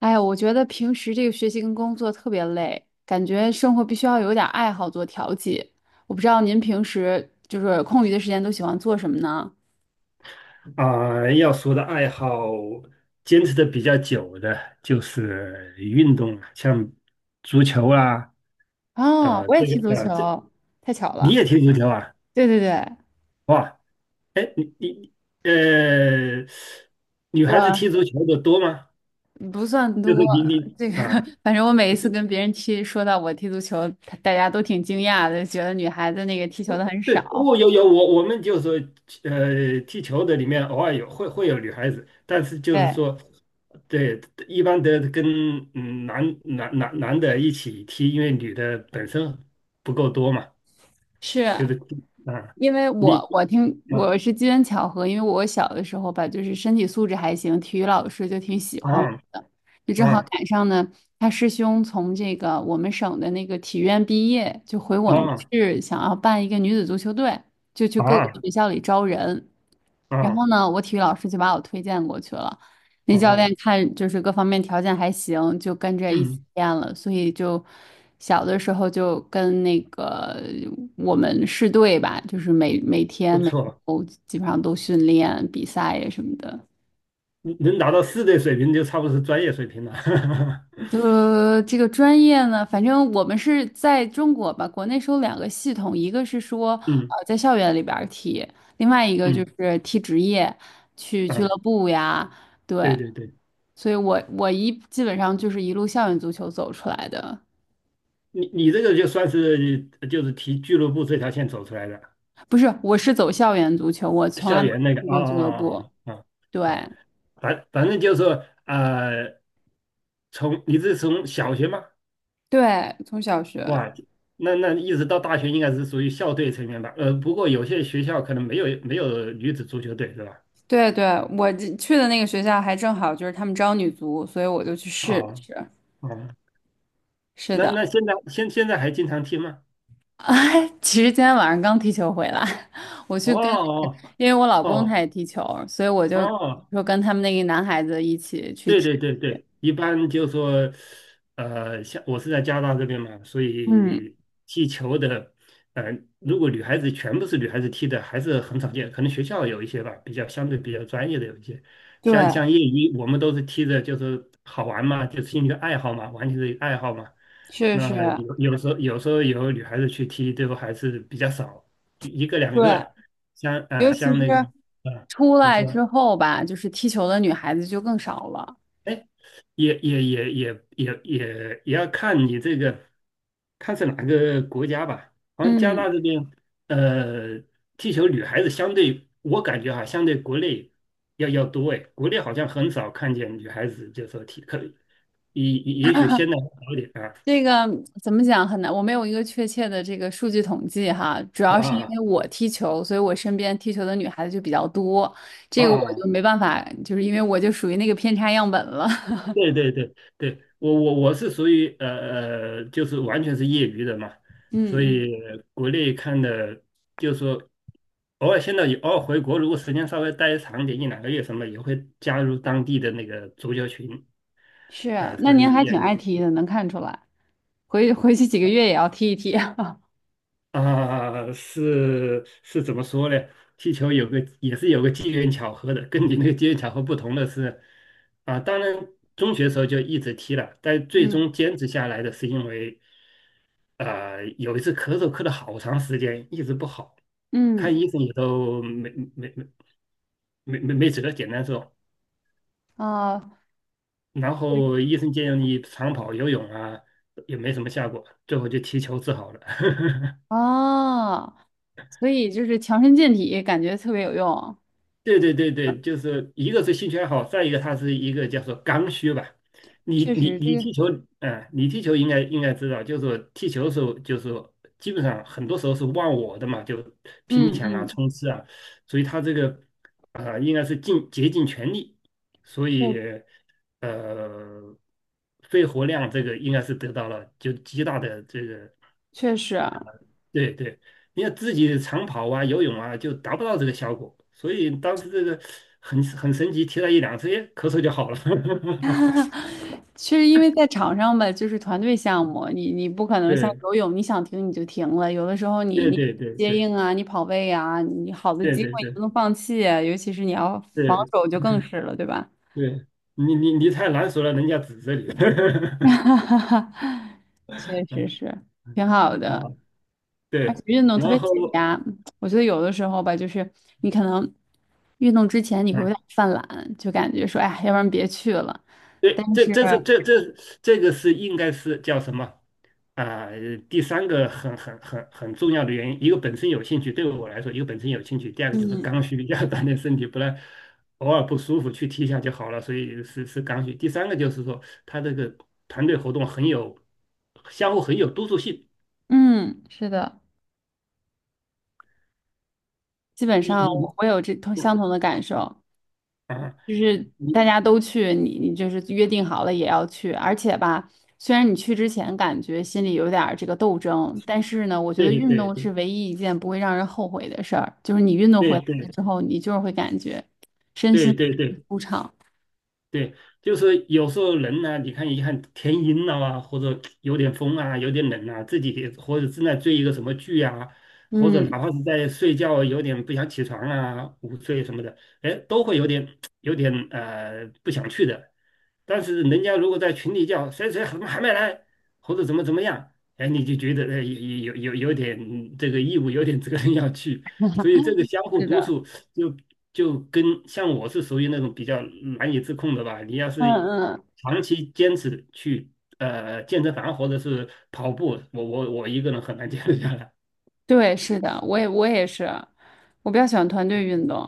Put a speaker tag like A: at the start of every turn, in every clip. A: 哎呀，我觉得平时这个学习跟工作特别累，感觉生活必须要有点爱好做调剂。我不知道您平时就是空余的时间都喜欢做什么呢？
B: 啊，要说的爱好，坚持的比较久的就是运动了，像足球啊。
A: 哦，
B: 啊，
A: 我也
B: 这
A: 踢足
B: 个啊，这
A: 球，太巧
B: 你
A: 了。
B: 也踢足球啊？
A: 对对对。
B: 哇，哎，你呃，女孩子踢足
A: 我
B: 球的多吗？
A: 不算
B: 就是
A: 多，
B: 你你
A: 这个
B: 啊
A: 反正我每一次跟别人踢，说到我踢足球，大家都挺惊讶的，觉得女孩子那个踢球的很
B: 对，
A: 少。
B: 我有有我我们就是说，踢球的里面偶尔会有女孩子，但是就是
A: 对，
B: 说，对，一般的跟嗯男的一起踢，因为女的本身不够多嘛。
A: 是。
B: 就是啊，
A: 因为
B: 你
A: 我我听
B: 啊
A: 我是机缘巧合，因为我小的时候吧，就是身体素质还行，体育老师就挺喜欢我
B: 啊
A: 的，就正好
B: 啊
A: 赶上呢，他师兄从这个我们省的那个体院毕业，就回我们
B: 啊
A: 市想要办一个女子足球队，就去各个
B: 啊
A: 学校里招人，然
B: 啊
A: 后呢，我体育老师就把我推荐过去了。那教
B: 啊，
A: 练看就是各方面条件还行，就跟着一起
B: 嗯，
A: 练了，所以就小的时候就跟那个我们市队吧，就是每每天
B: 不
A: 每
B: 错。
A: 周基本上都训练比赛呀什么的。
B: 嗯，能达到四队水平就差不多是专业水平了。
A: 这个专业呢，反正我们是在中国吧，国内是有两个系统，一个是说
B: 嗯
A: 在校园里边儿踢，另外一个就
B: 嗯
A: 是踢职业，去俱
B: 啊，
A: 乐部呀，对，
B: 对对对。
A: 所以我基本上就是一路校园足球走出来的。
B: 你你这个就算是就是提俱乐部这条线走出来的，
A: 不是，我是走校园足球，我从
B: 校
A: 来没
B: 园那个
A: 踢过俱乐部。对
B: 啊，反正就是说从你是从小学吗？
A: 对，从小学。
B: 哇，那那一直到大学应该是属于校队成员吧？呃，不过有些学校可能没有没有女子足球队是吧？
A: 对对，我这去的那个学校还正好就是他们招女足，所以我就去试了
B: 哦
A: 试，
B: 哦，
A: 是
B: 那
A: 的。
B: 那现在现在还经常踢吗？
A: 哎，其实今天晚上刚踢球回来，我
B: 哦
A: 去跟那个，
B: 哦
A: 因为我老公他
B: 哦
A: 也踢球，所以我就
B: 哦
A: 说跟他们那个男孩子一起去
B: 对
A: 踢。
B: 对对对，一般就说，呃，像我是在加拿大这边嘛，所
A: 嗯。
B: 以踢球的，呃，如果女孩子全部是女孩子踢的，还是很少见，可能学校有一些吧，比较相对比较专业的有一些，像
A: 对，
B: 像业余，我们都是踢的，就是好玩嘛，就是兴趣爱好嘛，完全是一个爱好嘛。
A: 是是。
B: 那有时候有时候有女孩子去踢，最后还是比较少，一个两
A: 对。
B: 个，像啊、
A: 尤其
B: 像
A: 是
B: 那个啊、
A: 出
B: 你
A: 来
B: 说。
A: 之后吧，就是踢球的女孩子就更少了。
B: 也要看你这个，看是哪个国家吧。好像加拿
A: 嗯，
B: 大这边，呃，踢球女孩子相对，我感觉哈，相对国内要多哎。国内好像很少看见女孩子就说踢，可也也许现在好一点啊
A: 这个怎么讲很难，我没有一个确切的这个数据统计哈，主
B: 啊
A: 要
B: 啊
A: 是因
B: 啊！
A: 为我踢球，所以我身边踢球的女孩子就比较多，
B: 啊
A: 这个我就
B: 啊
A: 没办法，就是因为我就属于那个偏差样本了。
B: 对对对对，我是属于就是完全是业余的嘛，
A: 嗯
B: 所
A: 嗯。
B: 以国内看的，就是说偶尔现在也偶尔回国，如果时间稍微待长点，一两个月什么，也会加入当地的那个足球群。
A: 是啊
B: 啊、
A: 那
B: 所
A: 您
B: 以
A: 还
B: 也
A: 挺爱踢的，能看出来。回回去几个月也要踢一踢。
B: 啊、是是怎么说呢？踢球有个也是有个机缘巧合的，跟你那个机缘巧合不同的是，啊、当然中学时候就一直踢了，但最
A: 嗯
B: 终坚持下来的是因为有一次咳嗽咳了好长时间，一直不好，看
A: 嗯
B: 医生也都没止得简单说。
A: 啊
B: 然
A: 对
B: 后医生建议你长跑、游泳啊，也没什么效果，最后就踢球治好了。
A: 啊，所以就是强身健体，感觉特别有用。
B: 对对对对，就是一个是兴趣爱好，再一个它是一个叫做刚需吧。你
A: 确
B: 你
A: 实，这
B: 你
A: 个
B: 踢球，啊，你踢球应该应该知道，就是说踢球的时候，就是说基本上很多时候是忘我的嘛，就拼
A: 嗯
B: 抢啊、
A: 嗯。
B: 冲刺啊，所以他这个啊、应该是尽竭尽全力，所以
A: 对。
B: 呃肺活量这个应该是得到了就极大的这个
A: 确实啊。
B: 对对，你要自己长跑啊、游泳啊，就达不到这个效果。所以当时这个很神奇，提了一两次，哎，咳嗽就好了。
A: 确实因为在场上吧，就是团队项目，你不可能像
B: 对
A: 游泳，你想停你就停了。有的时候你
B: 对
A: 你
B: 对对
A: 接
B: 对
A: 应啊，你跑位啊，你好的
B: 对
A: 机
B: 对
A: 会你不
B: 对
A: 能放弃啊，尤其是你要防
B: 对
A: 守就更是了，对吧？
B: 对，你太难说了，人家指着你。
A: 哈哈哈，确实
B: 嗯
A: 是挺好
B: 啊，
A: 的，而且
B: 对，
A: 运动特别
B: 然后
A: 解压。我觉得有的时候吧，就是你可能运动之前你会有点
B: 啊，
A: 犯懒，就感觉说，哎要不然别去了。
B: 对，这这个是应该是叫什么？啊、第三个很重要的原因，一个本身有兴趣，对我来说，一个本身有兴趣，第二个就是
A: 嗯
B: 刚需，要锻炼身体，不然偶尔不舒服去踢一下就好了，所以是是刚需。第三个就是说，他这个团队活动很有相互很有督促性。
A: 嗯，是的，基本
B: 你
A: 上
B: 你
A: 我有这同相同的感受。
B: 啊，
A: 就是大
B: 你
A: 家都去，你就是约定好了也要去，而且吧，虽然你去之前感觉心里有点儿这个斗争，但是呢，我觉
B: 对
A: 得运动
B: 对
A: 是唯一一件不会让人后悔的事儿，就是你运动回
B: 对
A: 来
B: 对
A: 之后，你就是会感觉身
B: 对
A: 心
B: 对对对
A: 舒畅。
B: 对，就是有时候人呢，你看一看天阴了啊，或者有点风啊，有点冷啊，自己或者正在追一个什么剧啊，或者
A: 嗯，
B: 哪怕是在睡觉啊有点不想起床啊，午睡什么的，哎，都会有点不想去的。但是人家如果在群里叫谁谁怎么还没来，或者怎么怎么样，哎，你就觉得哎有点这个义务，有点责任要去，所以这个相互
A: 是
B: 督
A: 的。
B: 促。就就跟像我是属于那种比较难以自控的吧。你要
A: 嗯
B: 是
A: 嗯
B: 长期坚持去健身房或者是跑步，我一个人很难坚持下来。
A: 对，是的，我也是，我比较喜欢团队运动，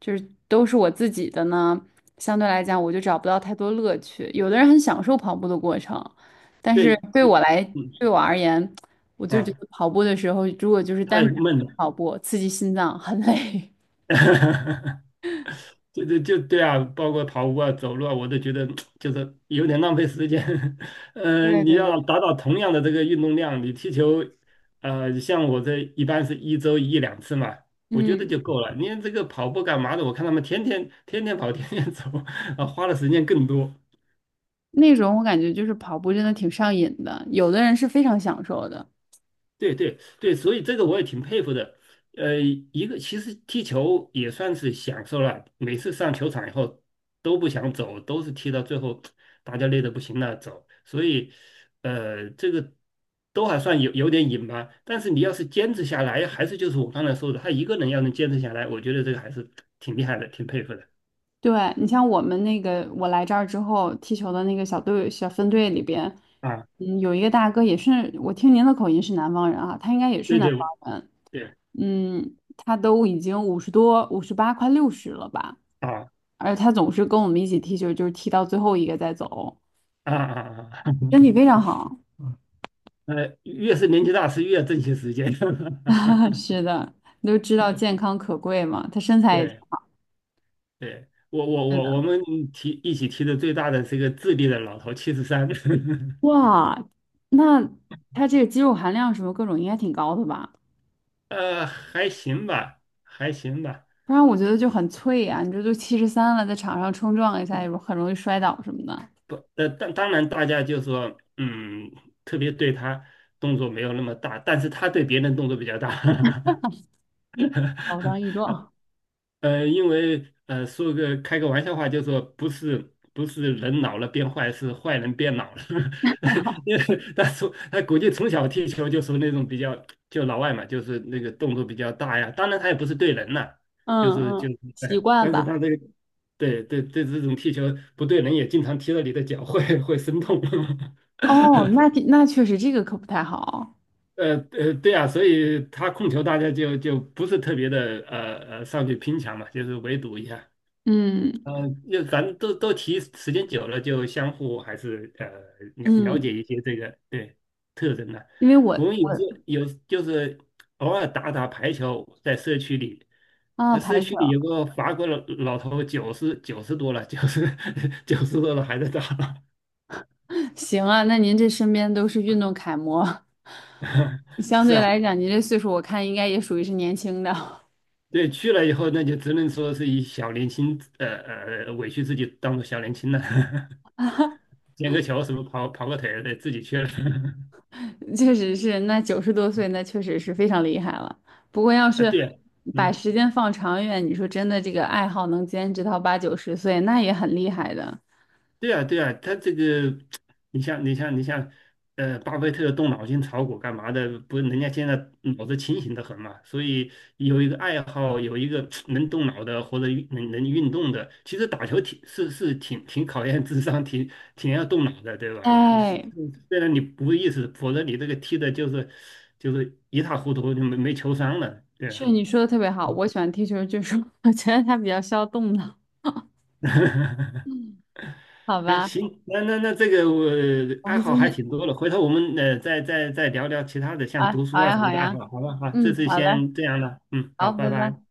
A: 就是都是我自己的呢，相对来讲我就找不到太多乐趣。有的人很享受跑步的过程，但是
B: 对，
A: 对我来，
B: 嗯
A: 对我而言，我就觉
B: 啊，
A: 得跑步的时候，如果就是
B: 太
A: 单纯
B: 闷了。
A: 跑步，刺激心脏很累。
B: 就对啊，包括跑步啊、走路啊，我都觉得就是有点浪费时间。
A: 对
B: 嗯，你
A: 对对。
B: 要达到同样的这个运动量，你踢球，呃，像我这一般是一周一两次嘛，我觉得
A: 嗯，
B: 就够了。你这个跑步干嘛的？我看他们天天跑，天天走。啊，花的时间更多。
A: 那种我感觉就是跑步真的挺上瘾的，有的人是非常享受的。
B: 对对对，所以这个我也挺佩服的。呃，一个其实踢球也算是享受了，每次上球场以后都不想走，都是踢到最后大家累得不行了走。所以，呃，这个都还算有有点瘾吧。但是你要是坚持下来，还是就是我刚才说的，他一个人要能坚持下来，我觉得这个还是挺厉害的，挺佩服的
A: 对，你像我们那个，我来这儿之后踢球的那个小队、小分队里边，
B: 啊。
A: 嗯，有一个大哥也是，我听您的口音是南方人啊，他应该也是
B: 对
A: 南
B: 对
A: 方人，
B: 对
A: 嗯，他都已经五十多、58，快60了吧，
B: 啊
A: 而他总是跟我们一起踢球，就是踢到最后一个再走，
B: 啊啊啊！
A: 身体非常好。
B: 呃，越是年纪大是越珍惜时间。
A: 是的，都知道健康可贵嘛，他身材也挺
B: 对。
A: 好。
B: 对，我我
A: 是
B: 我我
A: 的。
B: 们提一起提的最大的是一个智利的老头73。
A: 哇，那他这个肌肉含量什么各种应该挺高的吧？
B: 呃，还行吧，还行吧。
A: 不然我觉得就很脆呀、你这都73了，在场上冲撞一下，也很容易摔倒什么的，
B: 不，呃，当当然大家就说，嗯，特别对他动作没有那么大，但是他对别人动作比较大。
A: 老当益壮。
B: 呃，因为呃，说个开个玩笑话，就说不是人老了变坏，是坏人变老了。因为他从他估计从小踢球就是那种比较就老外嘛，就是那个动作比较大呀。当然他也不是对人呐、就
A: 嗯
B: 是
A: 嗯，习
B: 哎，
A: 惯
B: 但是
A: 吧。
B: 他这个对对对这种踢球不对人，也经常踢到你的脚会生痛。
A: 哦，那那确实这个可不太好。
B: 呃呃，对啊，所以他控球大家就就不是特别的上去拼抢嘛，就是围堵一下。
A: 嗯。
B: 呃，就反正都提时间久了，就相互还是呃了
A: 嗯，
B: 解一些这个对特征的。
A: 因为我
B: 我们有时
A: 我
B: 候有就是偶尔打打排球，在社区里，
A: 啊
B: 那社
A: 排球。
B: 区里有个法国老头，九十多了，九十 90多了还在打。
A: 行啊，那您这身边都是运动楷模。相
B: 是
A: 对
B: 啊，
A: 来讲，您这岁数我看应该也属于是年轻的。
B: 对，去了以后那就只能说是以小年轻，委屈自己当做小年轻了。捡个球什么跑个腿，对，自己去了。
A: 确实是，那90多岁，那确实是非常厉害了。不过要
B: 啊，
A: 是
B: 对啊
A: 把
B: 嗯。
A: 时间放长远，你说真的，这个爱好能坚持到八九十岁，那也很厉害的。
B: 对啊，对啊，他这个，你像，呃，巴菲特动脑筋炒股干嘛的？不是人家现在脑子清醒的很嘛，所以有一个爱好，有一个能动脑的或者运能运动的，其实打球挺是是挺挺考验智商，挺挺要动脑的，对吧？你
A: 哎，
B: 虽然你不意识，否则你这个踢的就是一塌糊涂，就没球商了，对
A: 是
B: 啊。
A: 你说的特别好，我喜欢踢球，就是 我觉得它比较消动脑。好
B: 哎，
A: 吧，
B: 行，那这个我
A: 我
B: 爱
A: 们
B: 好
A: 今
B: 还
A: 天
B: 挺多的，回头我们呃再聊聊其他的，像
A: 啊，
B: 读书
A: 好
B: 啊
A: 呀
B: 什
A: 好
B: 么的爱好，
A: 呀，
B: 好吧？好，这
A: 嗯，
B: 次
A: 好嘞，
B: 先这样了，嗯，好，
A: 好，
B: 拜
A: 拜
B: 拜。
A: 拜。